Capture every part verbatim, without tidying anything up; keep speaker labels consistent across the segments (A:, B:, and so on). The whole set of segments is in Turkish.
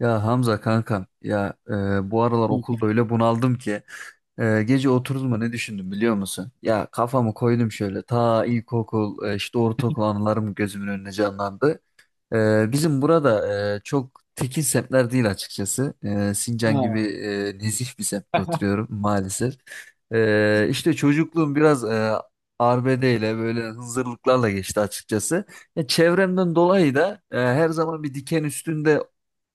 A: Ya Hamza kankam ya e, bu aralar okulda öyle bunaldım ki e, gece oturdum mu ne düşündüm biliyor musun? Ya kafamı koydum şöyle ta ilkokul e, işte ortaokul anılarım gözümün önüne canlandı. Ee, bizim burada e, çok tekin semtler değil açıkçası. Ee, Sincan gibi
B: Aa.
A: e, nezih bir semtte oturuyorum maalesef. Ee, işte çocukluğum biraz e, arbede ile böyle hınzırlıklarla geçti açıkçası. Ya, çevremden dolayı da e, her zaman bir diken üstünde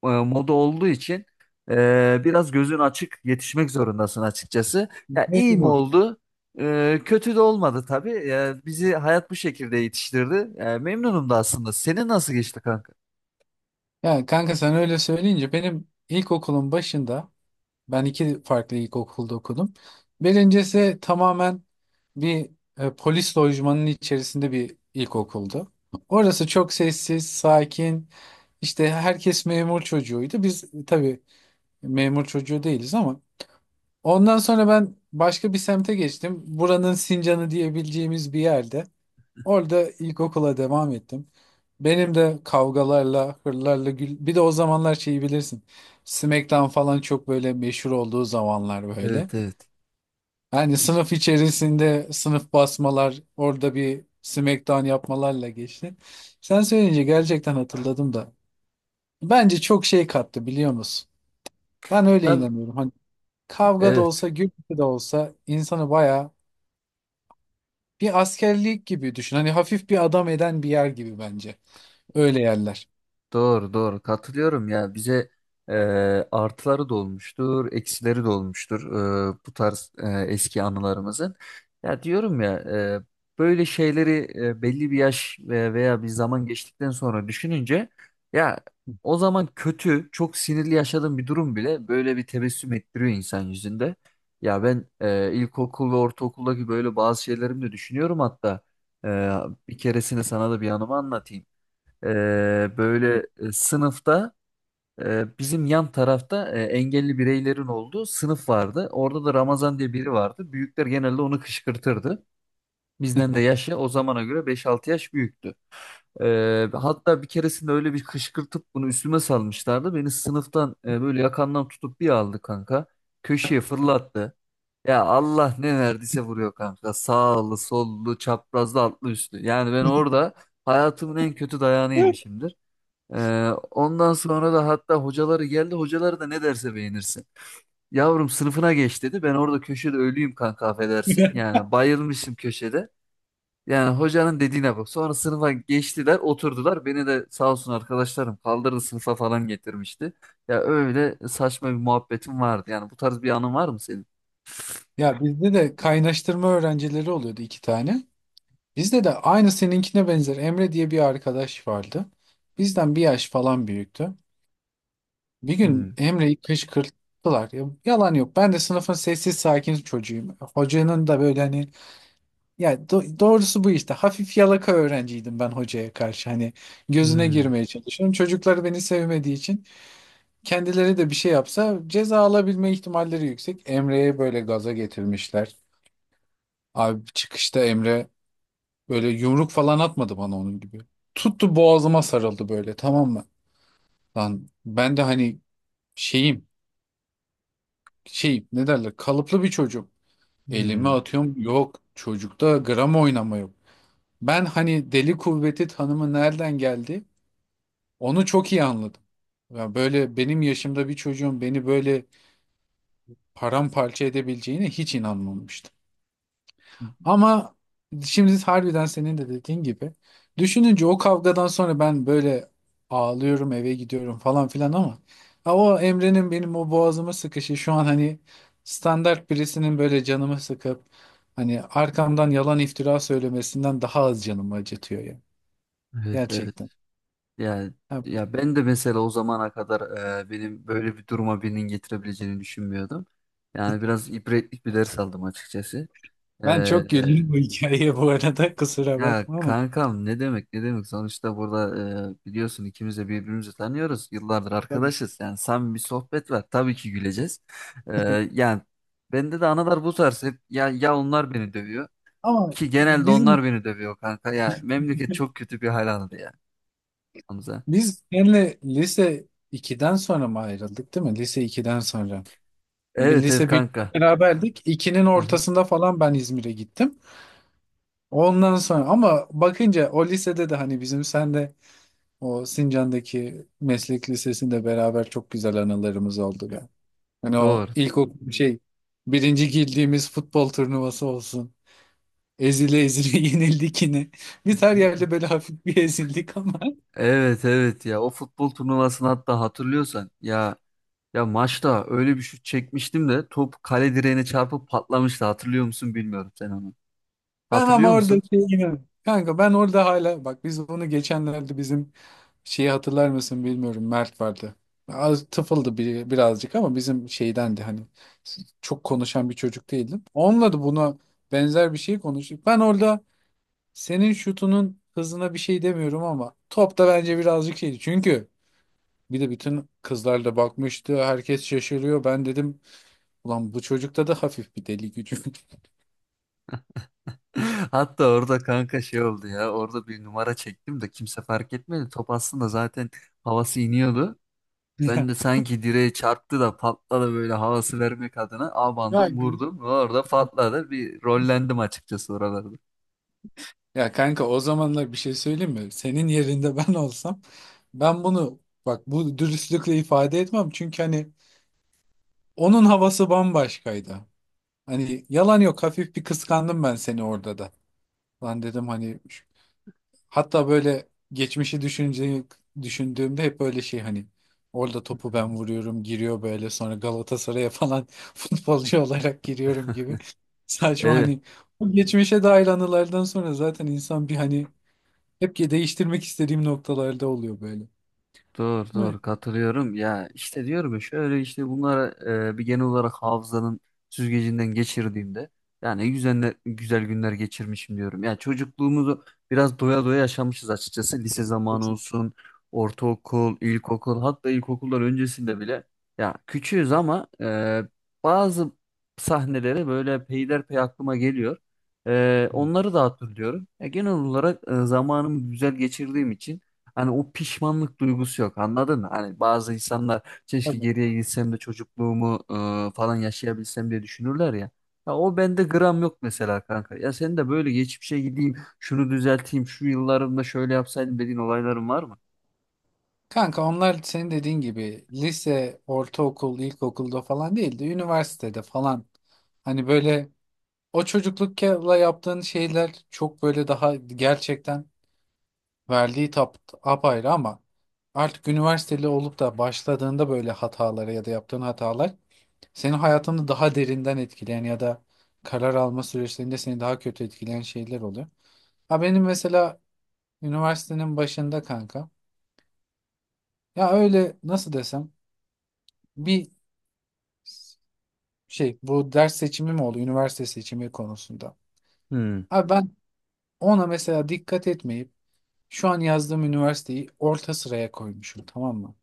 A: e, moda olduğu için e, biraz gözün açık yetişmek zorundasın açıkçası. Ya iyi mi
B: Mecbur.
A: oldu? Ee, kötü de olmadı tabii. Ee, bizi hayat bu şekilde yetiştirdi. Ee, memnunum da aslında. Senin nasıl geçti kanka?
B: Ya kanka sen öyle söyleyince benim ilkokulun başında ben iki farklı ilkokulda okudum. Birincisi tamamen bir e, polis lojmanının içerisinde bir ilkokuldu. Orası çok sessiz, sakin. İşte herkes memur çocuğuydu. Biz tabii memur çocuğu değiliz, ama ondan sonra ben başka bir semte geçtim. Buranın Sincan'ı diyebileceğimiz bir yerde. Orada ilkokula devam ettim. Benim de kavgalarla, hırlarla, gül... bir de o zamanlar şeyi bilirsin. SmackDown falan çok böyle meşhur olduğu zamanlar böyle.
A: Evet, evet.
B: Yani sınıf içerisinde sınıf basmalar, orada bir SmackDown yapmalarla geçti. Sen söyleyince gerçekten hatırladım da. Bence çok şey kattı, biliyor musun? Ben öyle
A: Tabii.
B: inanıyorum. Hani kavga da olsa,
A: Evet.
B: gürültü de olsa insanı bayağı bir askerlik gibi düşün. Hani hafif bir adam eden bir yer gibi bence. Öyle yerler.
A: Doğru, doğru, katılıyorum ya bize e, artıları da olmuştur, eksileri de olmuştur e, bu tarz e, eski anılarımızın. Ya diyorum ya e, böyle şeyleri e, belli bir yaş ve- veya bir zaman geçtikten sonra düşününce ya o zaman kötü, çok sinirli yaşadığım bir durum bile böyle bir tebessüm ettiriyor insan yüzünde. Ya ben e, ilkokul ve ortaokuldaki böyle bazı şeylerimi de düşünüyorum hatta. E, bir keresini sana da bir anımı anlatayım. Ee, böyle e, sınıfta e, bizim yan tarafta e, engelli bireylerin olduğu sınıf vardı. Orada da Ramazan diye biri vardı. Büyükler genelde onu kışkırtırdı. Bizden de yaşı o zamana göre beş-altı yaş büyüktü. Ee, hatta bir keresinde öyle bir kışkırtıp bunu üstüme salmışlardı. Beni sınıftan e, böyle yakandan tutup bir aldı kanka. Köşeye fırlattı. Ya Allah ne verdiyse vuruyor kanka. Sağlı, sollu, çaprazlı, altlı, üstlü. Yani ben orada hayatımın en kötü dayağını yemişimdir. Ee, ondan sonra da hatta hocaları geldi. Hocaları da ne derse beğenirsin. Yavrum, sınıfına geç dedi. Ben orada köşede ölüyüm kanka, affedersin. Yani bayılmışım köşede. Yani hocanın dediğine bak. Sonra sınıfa geçtiler, oturdular. Beni de sağ olsun arkadaşlarım kaldırdı, sınıfa falan getirmişti. Ya öyle saçma bir muhabbetim vardı. Yani bu tarz bir anın var mı senin?
B: Ya bizde de kaynaştırma öğrencileri oluyordu, iki tane. Bizde de aynı seninkine benzer Emre diye bir arkadaş vardı. Bizden bir yaş falan büyüktü. Bir gün
A: Hmm,
B: Emre'yi kışkırttılar. Ya, yalan yok. Ben de sınıfın sessiz sakin çocuğuyum. Hocanın da böyle hani ya do- doğrusu bu işte. Hafif yalaka öğrenciydim ben hocaya karşı. Hani gözüne
A: hmm,
B: girmeye çalışıyorum. Çocuklar beni sevmediği için kendileri de bir şey yapsa ceza alabilme ihtimalleri yüksek. Emre'ye böyle gaza getirmişler. Abi çıkışta Emre böyle yumruk falan atmadı bana onun gibi. Tuttu boğazıma sarıldı böyle, tamam mı? Lan ben de hani şeyim, şey ne derler, kalıplı bir çocuk. Elimi
A: hmm.
B: atıyorum, yok çocukta gram oynama yok. Ben hani deli kuvveti tanımı nereden geldi onu çok iyi anladım. Ya böyle benim yaşımda bir çocuğun beni böyle paramparça edebileceğine hiç inanmamıştım. Ama şimdi harbiden senin de dediğin gibi düşününce o kavgadan sonra ben böyle ağlıyorum, eve gidiyorum falan filan, ama ha o Emre'nin benim o boğazıma sıkışı şu an hani standart birisinin böyle canımı sıkıp hani arkamdan yalan iftira söylemesinden daha az canımı acıtıyor ya,
A: Evet, evet.
B: gerçekten.
A: Yani
B: Ha,
A: ya ben de mesela o zamana kadar e, benim böyle bir duruma birinin getirebileceğini düşünmüyordum. Yani biraz ibretlik bir ders aldım açıkçası.
B: ben çok
A: E,
B: güldüm bu hikayeye bu arada, kusura
A: ya
B: bakma ama.
A: kankam, ne demek, ne demek, sonuçta burada e, biliyorsun ikimiz de birbirimizi tanıyoruz. Yıllardır
B: Tabii.
A: arkadaşız. Yani samimi bir sohbet var. Tabii ki güleceğiz. E, yani bende de analar bu tarz hep, ya ya onlar beni dövüyor
B: Ama
A: ki genelde
B: bizim
A: onlar beni dövüyor kanka. Ya memleket çok kötü bir hal aldı ya Hamza.
B: biz seninle lise ikiden sonra mı ayrıldık, değil mi? Lise ikiden sonra. Bir
A: Evet evet
B: lise bir
A: kanka.
B: beraberdik. İkinin
A: Hı hı.
B: ortasında falan ben İzmir'e gittim. Ondan sonra ama bakınca o lisede de hani bizim sen de o Sincan'daki meslek lisesinde beraber çok güzel anılarımız oldu be. Hani o
A: Doğru.
B: ilkokul şey birinci girdiğimiz futbol turnuvası olsun. Ezile ezile yenildik yine. Biz her yerde böyle hafif bir ezildik, ama
A: Evet evet, ya o futbol turnuvasını hatta, hatırlıyorsan ya, ya maçta öyle bir şut çekmiştim de top kale direğine çarpıp patlamıştı, hatırlıyor musun, bilmiyorum sen onu.
B: ben ama
A: Hatırlıyor
B: orada
A: musun?
B: şey yine- Kanka ben orada hala, bak, biz bunu geçenlerde bizim şeyi hatırlar mısın bilmiyorum, Mert vardı. Az tıfıldı bir, birazcık ama bizim şeydendi, hani çok konuşan bir çocuk değildim. Onunla da buna benzer bir şey konuştuk. Ben orada senin şutunun hızına bir şey demiyorum ama top da bence birazcık şeydi. Çünkü bir de bütün kızlar da bakmıştı. Herkes şaşırıyor. Ben dedim, ulan bu çocukta da hafif bir deli gücü.
A: Hatta orada kanka şey oldu ya, orada bir numara çektim de kimse fark etmedi, top aslında zaten havası iniyordu. Ben
B: Ya
A: de sanki direğe çarptı da patladı böyle havası vermek adına
B: Ya
A: abandım vurdum ve orada patladı, bir rollendim açıkçası oralarda.
B: Ya kanka o zamanlar bir şey söyleyeyim mi? Senin yerinde ben olsam ben bunu bak bu dürüstlükle ifade etmem. Çünkü hani onun havası bambaşkaydı. Hani yalan yok, hafif bir kıskandım ben seni orada da. Lan dedim hani şu- hatta böyle geçmişi düşünce, düşündüğümde hep böyle şey hani orada topu ben vuruyorum, giriyor böyle, sonra Galatasaray'a falan futbolcu olarak giriyorum gibi. Saçma,
A: Evet.
B: hani bu geçmişe dair anılardan sonra zaten insan bir hani hep ki değiştirmek istediğim noktalarda oluyor böyle.
A: Doğru,
B: Ama.
A: doğru, katılıyorum. Ya işte diyorum ya, şöyle işte bunlara e, bir genel olarak hafızanın süzgecinden geçirdiğimde yani güzel, güzel günler geçirmişim diyorum. Ya çocukluğumuzu biraz doya doya yaşamışız açıkçası. Lise zamanı
B: Kesin.
A: olsun, ortaokul, ilkokul, hatta ilkokullar öncesinde bile ya küçüğüz ama e, bazı sahneleri böyle peyderpey aklıma geliyor. E,
B: Hı.
A: onları da hatırlıyorum. Ya genel olarak e, zamanımı güzel geçirdiğim için hani o pişmanlık duygusu yok, anladın mı? Hani bazı insanlar keşke
B: Tabii.
A: geriye gitsem de çocukluğumu e, falan yaşayabilsem diye düşünürler ya. Ya o bende gram yok mesela kanka. Ya sen de böyle geçmişe gideyim, şunu düzelteyim, şu yıllarımda şöyle yapsaydım dediğin olayların var mı?
B: Kanka onlar senin dediğin gibi lise, ortaokul, ilkokulda falan değil de üniversitede falan. Hani böyle o çocuklukla yaptığın şeyler çok böyle daha gerçekten verdiği tap apayrı, ama artık üniversiteli olup da başladığında böyle hatalara ya da yaptığın hatalar senin hayatını daha derinden etkileyen ya da karar alma süreçlerinde seni daha kötü etkileyen şeyler oluyor. Ha benim mesela üniversitenin başında kanka, ya öyle nasıl desem, bir şey bu ders seçimi mi oldu üniversite seçimi konusunda.
A: Hmm.
B: Abi ben ona mesela dikkat etmeyip şu an yazdığım üniversiteyi orta sıraya koymuşum, tamam mı?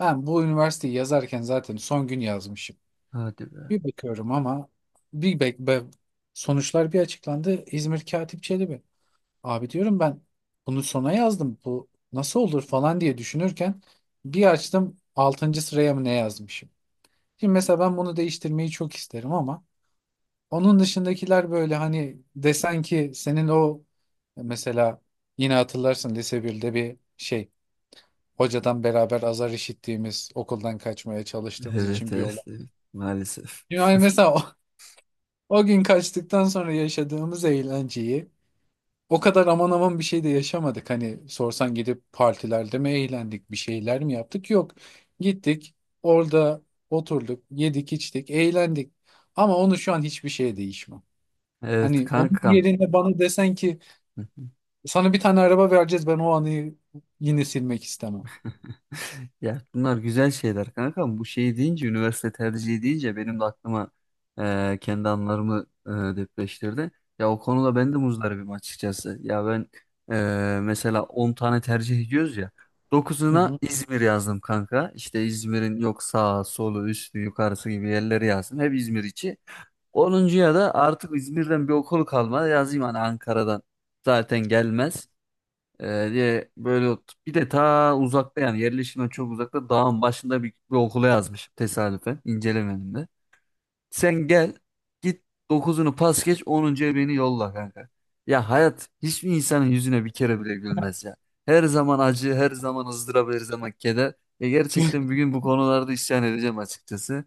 B: Ben bu üniversiteyi yazarken zaten son gün yazmışım.
A: Hadi be.
B: Bir bakıyorum ama bir bek be- sonuçlar bir açıklandı. İzmir Katip Çelebi. Abi diyorum ben bunu sona yazdım. Bu nasıl olur falan diye düşünürken bir açtım, altıncı sıraya mı ne yazmışım. Şimdi mesela ben bunu değiştirmeyi çok isterim, ama onun dışındakiler böyle hani desen ki senin o mesela yine hatırlarsın lise birde bir şey, hocadan beraber azar işittiğimiz okuldan kaçmaya çalıştığımız
A: Evet,
B: için bir
A: evet,
B: olay.
A: evet, maalesef.
B: Yani mesela o, o gün kaçtıktan sonra yaşadığımız eğlenceyi o kadar aman aman bir şey de yaşamadık. Hani sorsan gidip partilerde mi eğlendik, bir şeyler mi yaptık? Yok. Gittik, orada oturduk, yedik, içtik, eğlendik. Ama onu şu an hiçbir şeye değişmem.
A: Evet
B: Hani onun
A: kankam.
B: yerine bana desen ki sana bir tane araba vereceğiz, ben o anıyı yine silmek istemem.
A: Ya bunlar güzel şeyler kanka. Bu şey deyince, üniversite tercihi deyince benim de aklıma e, kendi anılarımı e, depreştirdi. Ya o konuda ben de muzdaribim açıkçası. Ya ben e, mesela on tane tercih ediyoruz ya.
B: Hı
A: dokuzuna
B: hı.
A: İzmir yazdım kanka. İşte İzmir'in yok sağı, solu, üstü, yukarısı gibi yerleri yazdım. Hep İzmir içi. onuncuya da artık İzmir'den bir okul kalmadı. Yazayım hani, Ankara'dan zaten gelmez. Ee, diye böyle ot- bir de ta uzakta, yani yerleşimden çok uzakta, dağın başında bir, bir okula yazmışım, tesadüfen incelemedim de. Sen gel git, dokuzunu pas geç, onuncuya beni yolla kanka. Ya hayat hiçbir insanın yüzüne bir kere bile gülmez ya. Her zaman acı, her zaman ızdırap, her zaman keder. E gerçekten bir gün bu konularda isyan edeceğim açıkçası.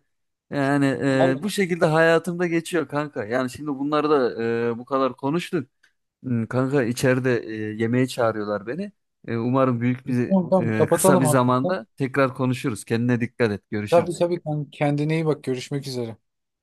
A: Yani e,
B: Vallahi.
A: bu şekilde hayatımda geçiyor kanka. Yani şimdi bunları da e, bu kadar konuştuk. Hmm, Kanka içeride e, yemeğe çağırıyorlar beni. E, umarım büyük bir
B: Tamam tamam,
A: e, kısa bir
B: kapatalım hafiften.
A: zamanda tekrar konuşuruz. Kendine dikkat et.
B: Tabii
A: Görüşürüz.
B: tabii kanka, kendine iyi bak, görüşmek üzere.